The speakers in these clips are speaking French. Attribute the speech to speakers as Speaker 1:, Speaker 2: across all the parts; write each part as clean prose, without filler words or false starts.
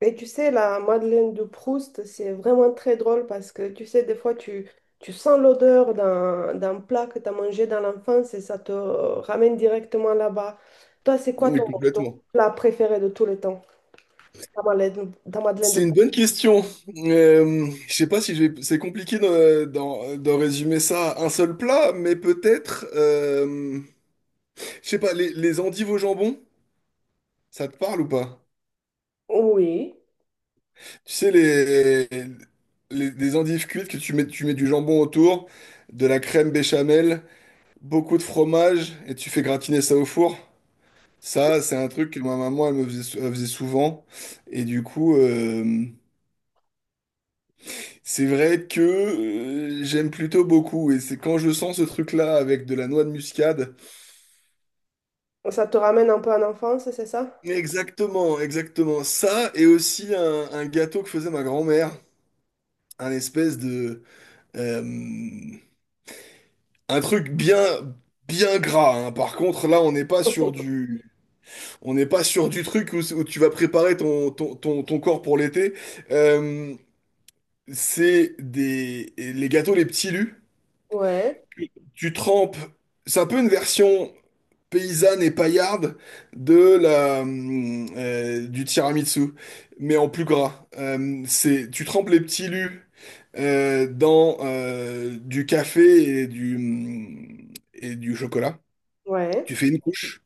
Speaker 1: Et tu sais, la Madeleine de Proust, c'est vraiment très drôle parce que tu sais, des fois, tu sens l'odeur d'un plat que tu as mangé dans l'enfance et ça te ramène directement là-bas. Toi, c'est quoi
Speaker 2: Mais
Speaker 1: ton
Speaker 2: complètement.
Speaker 1: plat préféré de tous les temps, ta Madeleine de
Speaker 2: C'est une
Speaker 1: Proust?
Speaker 2: bonne question. Je sais pas si je vais... C'est compliqué d'en résumer ça à un seul plat, mais peut-être, je sais pas, les endives au jambon, ça te parle ou pas?
Speaker 1: Oui,
Speaker 2: Tu sais, les endives cuites que tu mets du jambon autour, de la crème béchamel, beaucoup de fromage, et tu fais gratiner ça au four. Ça, c'est un truc que ma maman, elle me faisait, elle faisait souvent. Et du coup, c'est vrai que j'aime plutôt beaucoup, et c'est quand je sens ce truc-là avec de la noix de muscade.
Speaker 1: ça te ramène un peu en enfance, c'est ça?
Speaker 2: Exactement, exactement. Ça, et aussi un gâteau que faisait ma grand-mère, un espèce de euh, un truc bien bien gras, hein. Par contre, là, on n'est pas sur du truc où tu vas préparer ton corps pour l'été. Euh, c'est des les gâteaux les petits lus.
Speaker 1: Ouais,
Speaker 2: Tu trempes. C'est un peu une version paysanne et paillarde du tiramisu, mais en plus gras. Tu trempes les petits lus dans du café et et du chocolat.
Speaker 1: ouais,
Speaker 2: Tu fais une couche,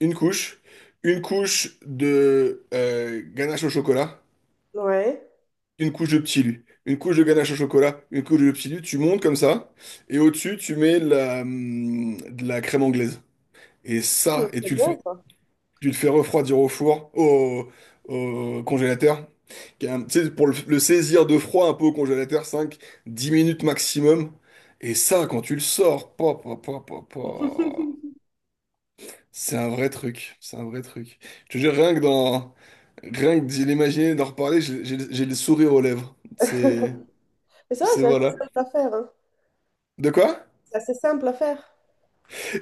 Speaker 2: une couche, une couche de ganache au chocolat,
Speaker 1: ouais.
Speaker 2: une couche de petits lus. Une couche de ganache au chocolat, une couche de petits lus, tu montes comme ça, et au-dessus, tu mets de la crème anglaise. Et
Speaker 1: Hmm,
Speaker 2: ça, et
Speaker 1: c'est
Speaker 2: tu le
Speaker 1: bon,
Speaker 2: fais.
Speaker 1: ça.
Speaker 2: Tu le fais refroidir au four, au congélateur. Tu sais, pour le saisir de froid un peu au congélateur, 5-10 minutes maximum. Et ça, quand tu le sors, pa, pa, pa, pa, pa, c'est un vrai truc. C'est un vrai truc. Je te jure, rien que d'y l'imaginer, d'en reparler, j'ai le sourire aux lèvres. C'est,
Speaker 1: Mais ça,
Speaker 2: c'est
Speaker 1: c'est vrai,
Speaker 2: voilà.
Speaker 1: c'est facile à faire.
Speaker 2: De quoi?
Speaker 1: C'est assez simple à faire.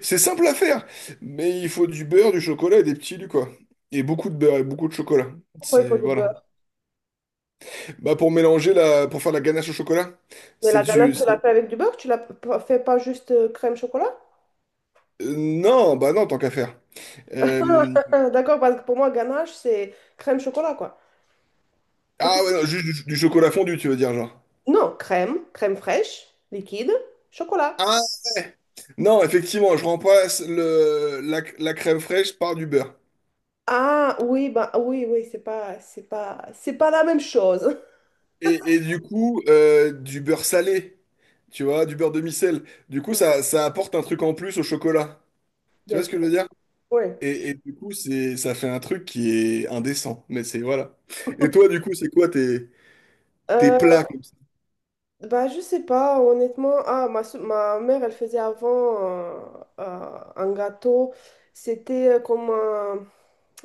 Speaker 2: C'est simple à faire, mais il faut du beurre, du chocolat et des petits lus, quoi. Et beaucoup de beurre et beaucoup de chocolat.
Speaker 1: Pourquoi il faut
Speaker 2: C'est,
Speaker 1: du
Speaker 2: voilà.
Speaker 1: beurre?
Speaker 2: Bah pour mélanger pour faire la ganache au chocolat,
Speaker 1: Mais
Speaker 2: c'est
Speaker 1: la ganache,
Speaker 2: du,
Speaker 1: tu la
Speaker 2: c'est-
Speaker 1: fais avec du beurre? Tu la fais pas juste crème chocolat?
Speaker 2: non, bah non, tant qu'à faire. Euh,
Speaker 1: D'accord, parce que pour moi, ganache, c'est crème chocolat, quoi. C'est tout.
Speaker 2: Ah ouais, non, juste du chocolat fondu, tu veux dire, genre.
Speaker 1: Non, crème fraîche, liquide, chocolat.
Speaker 2: Ah ouais, non, effectivement, je remplace la crème fraîche par du beurre.
Speaker 1: Ah oui, bah oui, oui, c'est pas la même chose.
Speaker 2: Et du coup, du beurre salé, tu vois, du beurre demi-sel. Du coup,
Speaker 1: Mhm.
Speaker 2: ça apporte un truc en plus au chocolat. Tu
Speaker 1: Bien
Speaker 2: vois ce que
Speaker 1: sûr,
Speaker 2: je veux dire?
Speaker 1: oui.
Speaker 2: Et du coup, ça fait un truc qui est indécent. Mais c'est, voilà. Et toi, du coup, c'est quoi tes
Speaker 1: Euh,
Speaker 2: plats comme ça?
Speaker 1: bah je sais pas, honnêtement. Ah, ma mère, elle faisait avant euh, un gâteau. C'était comme un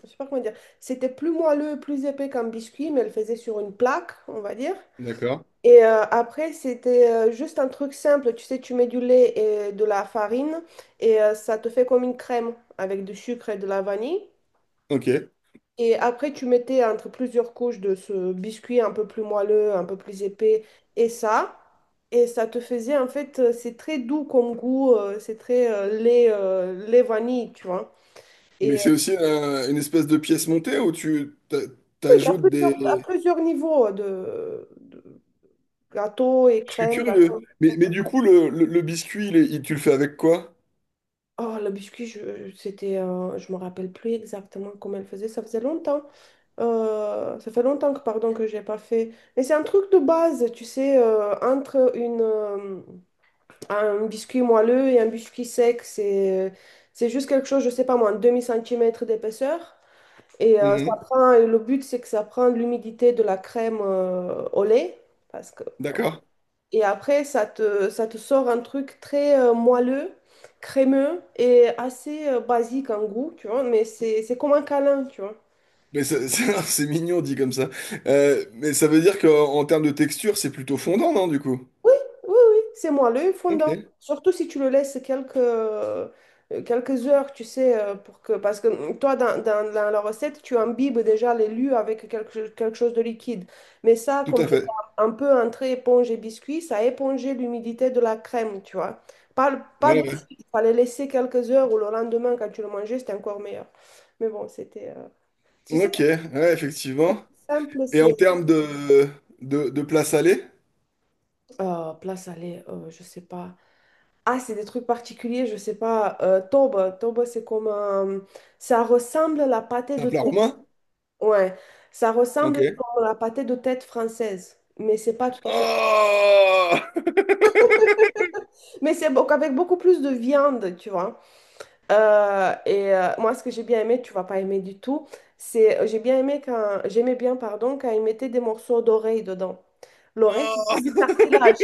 Speaker 1: je sais pas comment dire, c'était plus moelleux, plus épais comme biscuit, mais elle faisait sur une plaque, on va dire.
Speaker 2: D'accord.
Speaker 1: Et après, c'était juste un truc simple, tu sais, tu mets du lait et de la farine et ça te fait comme une crème avec du sucre et de la vanille.
Speaker 2: Ok.
Speaker 1: Et après, tu mettais entre plusieurs couches de ce biscuit un peu plus moelleux, un peu plus épais et ça. Et ça te faisait, en fait, c'est très doux comme goût, c'est très lait vanille, tu vois.
Speaker 2: Mais
Speaker 1: Et euh,
Speaker 2: c'est aussi une espèce de pièce montée où
Speaker 1: oui,
Speaker 2: t'ajoutes
Speaker 1: à
Speaker 2: des...
Speaker 1: plusieurs niveaux de Gâteau et
Speaker 2: Je suis
Speaker 1: crème,
Speaker 2: curieux.
Speaker 1: gâteau.
Speaker 2: Mais, du coup, le biscuit, tu le fais avec quoi?
Speaker 1: Oh, le biscuit, je me rappelle plus exactement comment elle faisait. Ça faisait longtemps. Ça fait longtemps que, pardon, que j'ai pas fait. Mais c'est un truc de base, tu sais, entre un biscuit moelleux et un biscuit sec, c'est juste quelque chose, je sais pas moi, un demi-centimètre d'épaisseur. Et
Speaker 2: Mhm.
Speaker 1: et le but, c'est que ça prend l'humidité de la crème, au lait. Parce que
Speaker 2: D'accord.
Speaker 1: et après, ça te sort un truc très moelleux, crémeux et assez basique en goût, tu vois. Mais c'est comme un câlin, tu vois.
Speaker 2: Mais c'est mignon dit comme ça. Mais ça veut dire qu'en en termes de texture, c'est plutôt fondant, non, du coup?
Speaker 1: Oui, oui, c'est moi, l'œil fondant.
Speaker 2: Ok,
Speaker 1: Surtout si tu le laisses quelques, quelques heures, tu sais, pour que, parce que toi, dans la recette, tu imbibes déjà les lus avec quelque, quelque chose de liquide. Mais ça,
Speaker 2: tout
Speaker 1: comme
Speaker 2: à
Speaker 1: c'est
Speaker 2: fait.
Speaker 1: un peu entre éponge et biscuit, ça a épongé l'humidité de la crème, tu vois. Pas, pas de
Speaker 2: Ouais,
Speaker 1: suite, il fallait laisser quelques heures ou le lendemain, quand tu le mangeais, c'était encore meilleur. Mais bon, c'était... tu
Speaker 2: ouais.
Speaker 1: sais,
Speaker 2: Ok, ouais,
Speaker 1: c'est
Speaker 2: effectivement.
Speaker 1: plus simple,
Speaker 2: Et en
Speaker 1: c'est...
Speaker 2: termes de plat salé,
Speaker 1: Plat salé, je sais pas. Ah, c'est des trucs particuliers, je sais pas. Toba, c'est comme un... Ça ressemble à la pâté
Speaker 2: c'est un
Speaker 1: de
Speaker 2: plat
Speaker 1: tête.
Speaker 2: roumain?
Speaker 1: Ouais, ça
Speaker 2: Ok.
Speaker 1: ressemble à la pâté de tête française. Mais c'est pas tout à fait...
Speaker 2: Oh!
Speaker 1: Mais avec beaucoup plus de viande, tu vois. Moi, ce que j'ai bien aimé, tu vas pas aimer du tout, c'est... J'aimais bien, pardon, quand ils mettaient des morceaux d'oreille dedans. L'oreille, c'est que
Speaker 2: Oh,
Speaker 1: du cartilage.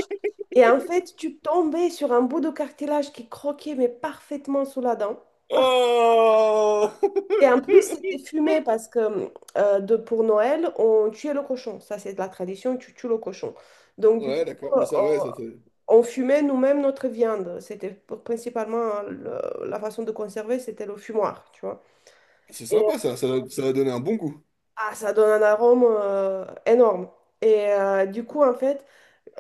Speaker 1: Et en fait, tu tombais sur un bout de cartilage qui croquait, mais parfaitement sous la dent. Oh,
Speaker 2: oh.
Speaker 1: et en plus, c'était fumé parce que pour Noël, on tuait le cochon. Ça, c'est de la tradition, tu tues le cochon. Donc, du
Speaker 2: Ouais,
Speaker 1: coup,
Speaker 2: d'accord. Mais ça, ouais,
Speaker 1: on fumait nous-mêmes notre viande. C'était principalement la façon de conserver, c'était le fumoir, tu vois.
Speaker 2: c'est
Speaker 1: Et
Speaker 2: sympa, ça. Ça va donner un bon goût.
Speaker 1: ah, ça donne un arôme énorme. Et du coup, en fait,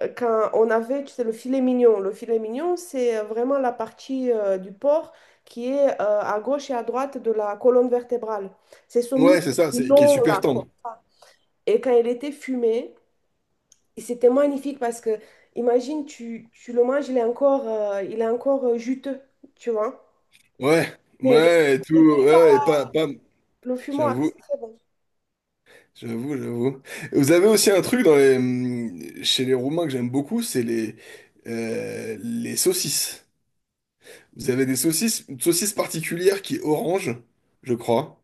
Speaker 1: quand on avait, tu sais, le filet mignon. Le filet mignon, c'est vraiment la partie du porc qui est à gauche et à droite de la colonne vertébrale. C'est ce
Speaker 2: Ouais,
Speaker 1: muscle
Speaker 2: c'est ça, c'est qui est
Speaker 1: long
Speaker 2: super
Speaker 1: là, comme
Speaker 2: tendre.
Speaker 1: ça. Et quand il était fumé, et c'était magnifique parce que, imagine, tu le manges, il est encore juteux, tu vois.
Speaker 2: Ouais,
Speaker 1: Mais
Speaker 2: ouais, et tout.
Speaker 1: il est cuit par
Speaker 2: Ouais, et pas...
Speaker 1: le fumoir,
Speaker 2: J'avoue,
Speaker 1: c'est très bon.
Speaker 2: j'avoue, j'avoue. Vous avez aussi un truc chez les Roumains que j'aime beaucoup, c'est les saucisses. Vous avez des saucisses, une saucisse particulière qui est orange, je crois,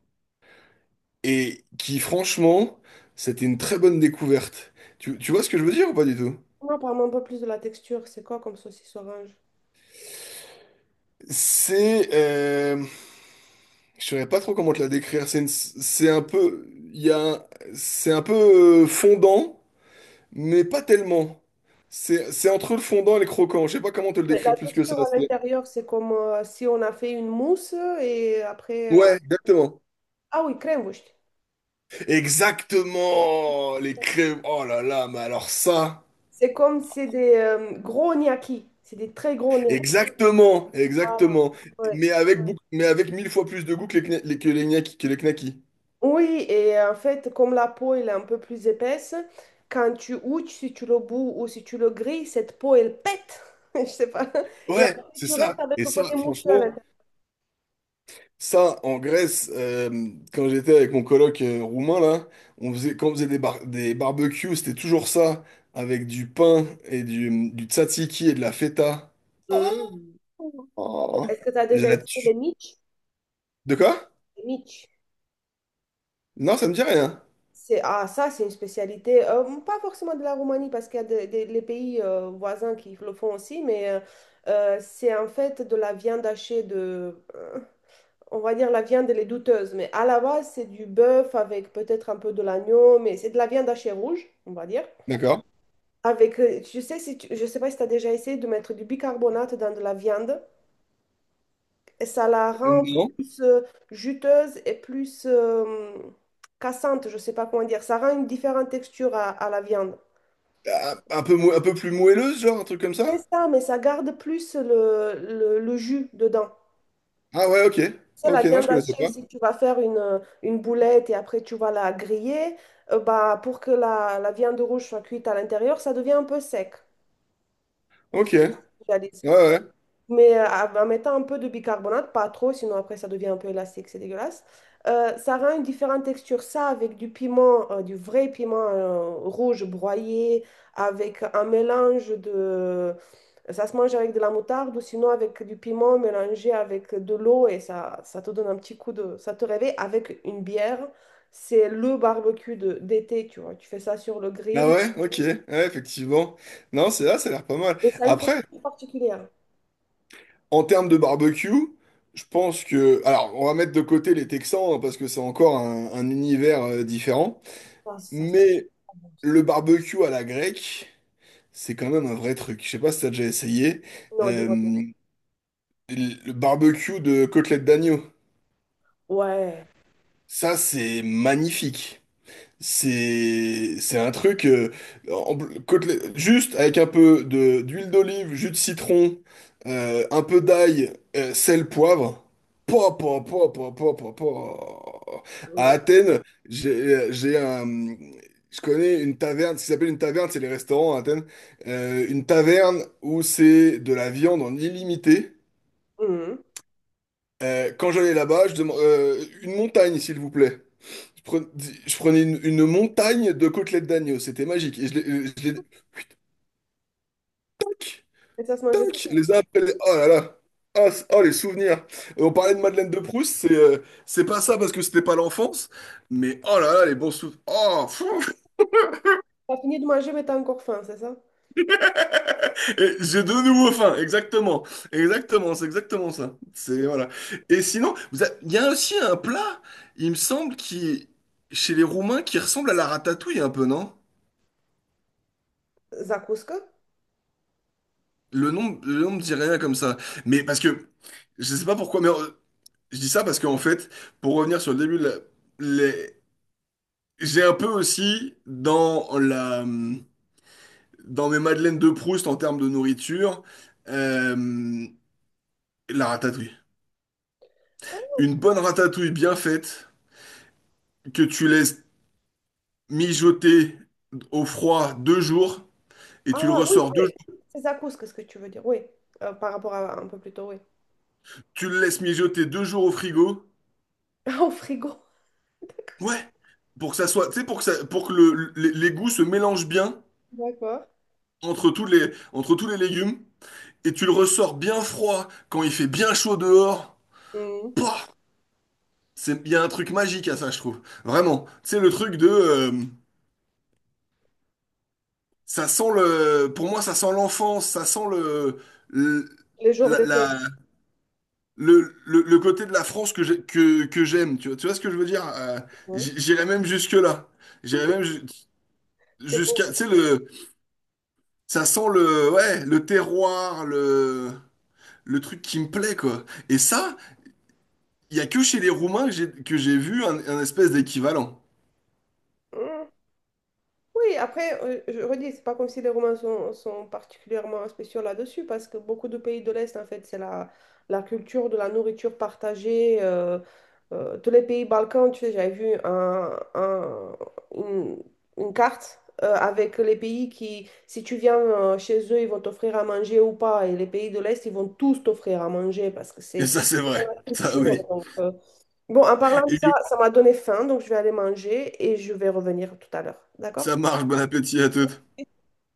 Speaker 2: et qui, franchement, c'était une très bonne découverte. Tu vois ce que je veux dire ou pas du tout?
Speaker 1: Non, parle-moi un peu plus de la texture. C'est quoi comme saucisse orange?
Speaker 2: C'est, euh, je saurais pas trop comment te la décrire. C'est une- c'est un peu, il y a, un- C'est un peu fondant, mais pas tellement. C'est entre le fondant et le croquant. Je sais pas comment te le
Speaker 1: Mais
Speaker 2: décrire
Speaker 1: la
Speaker 2: plus que ça.
Speaker 1: texture à
Speaker 2: c'est-
Speaker 1: l'intérieur, c'est comme si on a fait une mousse et après.
Speaker 2: Ouais, exactement.
Speaker 1: Ah oui, Krenwurst.
Speaker 2: Exactement. Les crèmes. Oh là là, mais alors ça.
Speaker 1: C'est comme, c'est des gros gnocchis. C'est des très gros gnocchis.
Speaker 2: Exactement,
Speaker 1: Voilà.
Speaker 2: exactement.
Speaker 1: Ouais.
Speaker 2: Mais avec 1000 fois plus de goût que les, kna- les- que les gnaki- que les knackis.
Speaker 1: Oui, et en fait, comme la peau elle est un peu plus épaisse, quand tu ouches, si tu le bous ou si tu le grilles, cette peau, elle pète. Je sais pas. Et
Speaker 2: Ouais,
Speaker 1: après,
Speaker 2: c'est
Speaker 1: tu
Speaker 2: ça.
Speaker 1: restes avec
Speaker 2: Et
Speaker 1: le
Speaker 2: ça,
Speaker 1: côté mousseux à
Speaker 2: franchement.
Speaker 1: l'intérieur.
Speaker 2: Ça, en Grèce, quand j'étais avec mon coloc roumain, là, quand on faisait des barbecues, c'était toujours ça, avec du pain et du tzatziki et de la feta.
Speaker 1: Mm.
Speaker 2: Oh,
Speaker 1: Est-ce que tu as déjà
Speaker 2: la
Speaker 1: essayé les
Speaker 2: tu...
Speaker 1: mitch?
Speaker 2: De quoi?
Speaker 1: Les mitch.
Speaker 2: Non, ça me dit rien.
Speaker 1: C'est, ah, ça, c'est une spécialité, pas forcément de la Roumanie, parce qu'il y a les pays voisins qui le font aussi, mais c'est en fait de la viande hachée on va dire la viande, elle est douteuse, mais à la base, c'est du bœuf avec peut-être un peu de l'agneau, mais c'est de la viande hachée rouge, on va dire.
Speaker 2: D'accord.
Speaker 1: Avec, tu sais, si tu- je sais pas si tu as déjà essayé de mettre du bicarbonate dans de la viande. Et ça la rend
Speaker 2: Non.
Speaker 1: plus juteuse et plus cassante, je ne sais pas comment dire. Ça rend une différente texture à la viande.
Speaker 2: Ah, un peu plus moelleuse, genre, un truc comme
Speaker 1: Et
Speaker 2: ça?
Speaker 1: ça, mais ça garde plus le jus dedans.
Speaker 2: Ah ouais, ok.
Speaker 1: C'est la
Speaker 2: Ok, non, je
Speaker 1: viande
Speaker 2: connaissais
Speaker 1: hachée,
Speaker 2: pas.
Speaker 1: si tu vas faire une boulette et après tu vas la griller, bah, pour que la viande rouge soit cuite à l'intérieur, ça devient un peu sec. Je
Speaker 2: Ok.
Speaker 1: sais pas
Speaker 2: Ouais,
Speaker 1: si tu as des
Speaker 2: ouais.
Speaker 1: mais en mettant un peu de bicarbonate, pas trop, sinon après ça devient un peu élastique, c'est dégueulasse. Ça rend une différente texture. Ça, avec du piment, du vrai piment rouge broyé, avec un mélange de... Ça se mange avec de la moutarde ou sinon avec du piment mélangé avec de l'eau et ça te donne un petit coup de... Ça te réveille avec une bière. C'est le barbecue d'été, tu vois. Tu fais ça sur le
Speaker 2: Ah
Speaker 1: grill
Speaker 2: ouais, ok. Ouais, effectivement. Non, c'est là, ça a l'air pas mal.
Speaker 1: et ça a une
Speaker 2: Après,
Speaker 1: texture particulière.
Speaker 2: en termes de barbecue, je pense que... Alors, on va mettre de côté les Texans, hein, parce que c'est encore un univers différent.
Speaker 1: Ah, ça, c'est
Speaker 2: Mais
Speaker 1: pas bon.
Speaker 2: le barbecue à la grecque, c'est quand même un vrai truc. Je sais pas si t'as déjà essayé.
Speaker 1: Non, dis-moi. Tout.
Speaker 2: Euh, le barbecue de côtelette d'agneau.
Speaker 1: Ouais.
Speaker 2: Ça, c'est magnifique. C'est un truc en- juste avec un peu de d'huile d'olive, jus de citron, un peu d'ail, sel, poivre. Po, po, po, po, po, po, po. À
Speaker 1: Mm.
Speaker 2: Athènes, j'ai un je connais une taverne, ce qui s'appelle une taverne, c'est les restaurants à Athènes. Une taverne où c'est de la viande en illimité.
Speaker 1: Mhm.
Speaker 2: Quand j'allais là-bas, je demande une montagne, s'il vous plaît. Je prenais, je prenais une montagne de côtelettes d'agneau, c'était magique. Et tac,
Speaker 1: Et ça se mangeait tout
Speaker 2: tac,
Speaker 1: seul.
Speaker 2: les uns après les... Oh là là! Ah, oh, les souvenirs! On parlait de Madeleine de Proust, c'est pas ça parce que c'était pas l'enfance, mais oh là là, les bons souvenirs. Oh! Fou.
Speaker 1: T'as fini de manger, mais t'as encore faim, c'est ça?
Speaker 2: Et j'ai de nouveau faim, exactement. Exactement, c'est exactement ça. C'est, voilà. Et sinon, il y a aussi un plat, il me semble, qui, chez les Roumains, qui ressemble à la ratatouille un peu, non?
Speaker 1: Zakouska?
Speaker 2: Le nom me dit rien comme ça. Mais parce que, je sais pas pourquoi, mais je dis ça parce qu'en fait, pour revenir sur le début, les- j'ai un peu aussi dans mes madeleines de Proust en termes de nourriture, euh, la ratatouille. Une bonne ratatouille bien faite, que tu laisses mijoter au froid 2 jours, et tu le
Speaker 1: Ah oui,
Speaker 2: ressors deux jours,
Speaker 1: c'est zakouska ce que tu veux dire, oui. Par rapport à un peu plus tôt, oui.
Speaker 2: tu le laisses mijoter 2 jours au frigo.
Speaker 1: Ah, au frigo.
Speaker 2: Ouais, pour que ça soit, tu sais, pour que ça, pour que les goûts se mélangent bien
Speaker 1: D'accord.
Speaker 2: entre tous les légumes, et tu le ressors bien froid quand il fait bien chaud dehors.
Speaker 1: Mhm.
Speaker 2: Pouah. Il y a un truc magique à ça, je trouve. Vraiment. Tu sais, le truc ça sent pour moi, ça sent l'enfance, ça sent le,
Speaker 1: Les jours
Speaker 2: la,
Speaker 1: d'été.
Speaker 2: la- le côté de la France que j'aime. Tu vois ce que je veux dire?
Speaker 1: Mhm.
Speaker 2: J'irais même jusque-là. J'irais même
Speaker 1: C'est beau.
Speaker 2: jusqu'à, tu sais, ça sent le, ouais, le terroir, le truc qui me plaît, quoi. Et ça, il y a que chez les Roumains que j'ai vu un espèce d'équivalent.
Speaker 1: Hein. Hmm. Oui, après, je redis, c'est pas comme si les Romains sont particulièrement spéciaux là-dessus, parce que beaucoup de pays de l'Est, en fait, c'est la culture de la nourriture partagée. Tous les pays Balkans, tu sais, j'avais vu une, une carte avec les pays qui, si tu viens chez eux, ils vont t'offrir à manger ou pas. Et les pays de l'Est, ils vont tous t'offrir à manger parce que
Speaker 2: Et
Speaker 1: c'est
Speaker 2: ça, c'est vrai.
Speaker 1: la
Speaker 2: Ça,
Speaker 1: culture.
Speaker 2: oui.
Speaker 1: Donc, bon, en parlant de
Speaker 2: Et
Speaker 1: ça,
Speaker 2: du coup,
Speaker 1: ça m'a donné faim, donc je vais aller manger et je vais revenir tout à l'heure. D'accord?
Speaker 2: ça marche, bon appétit à toutes.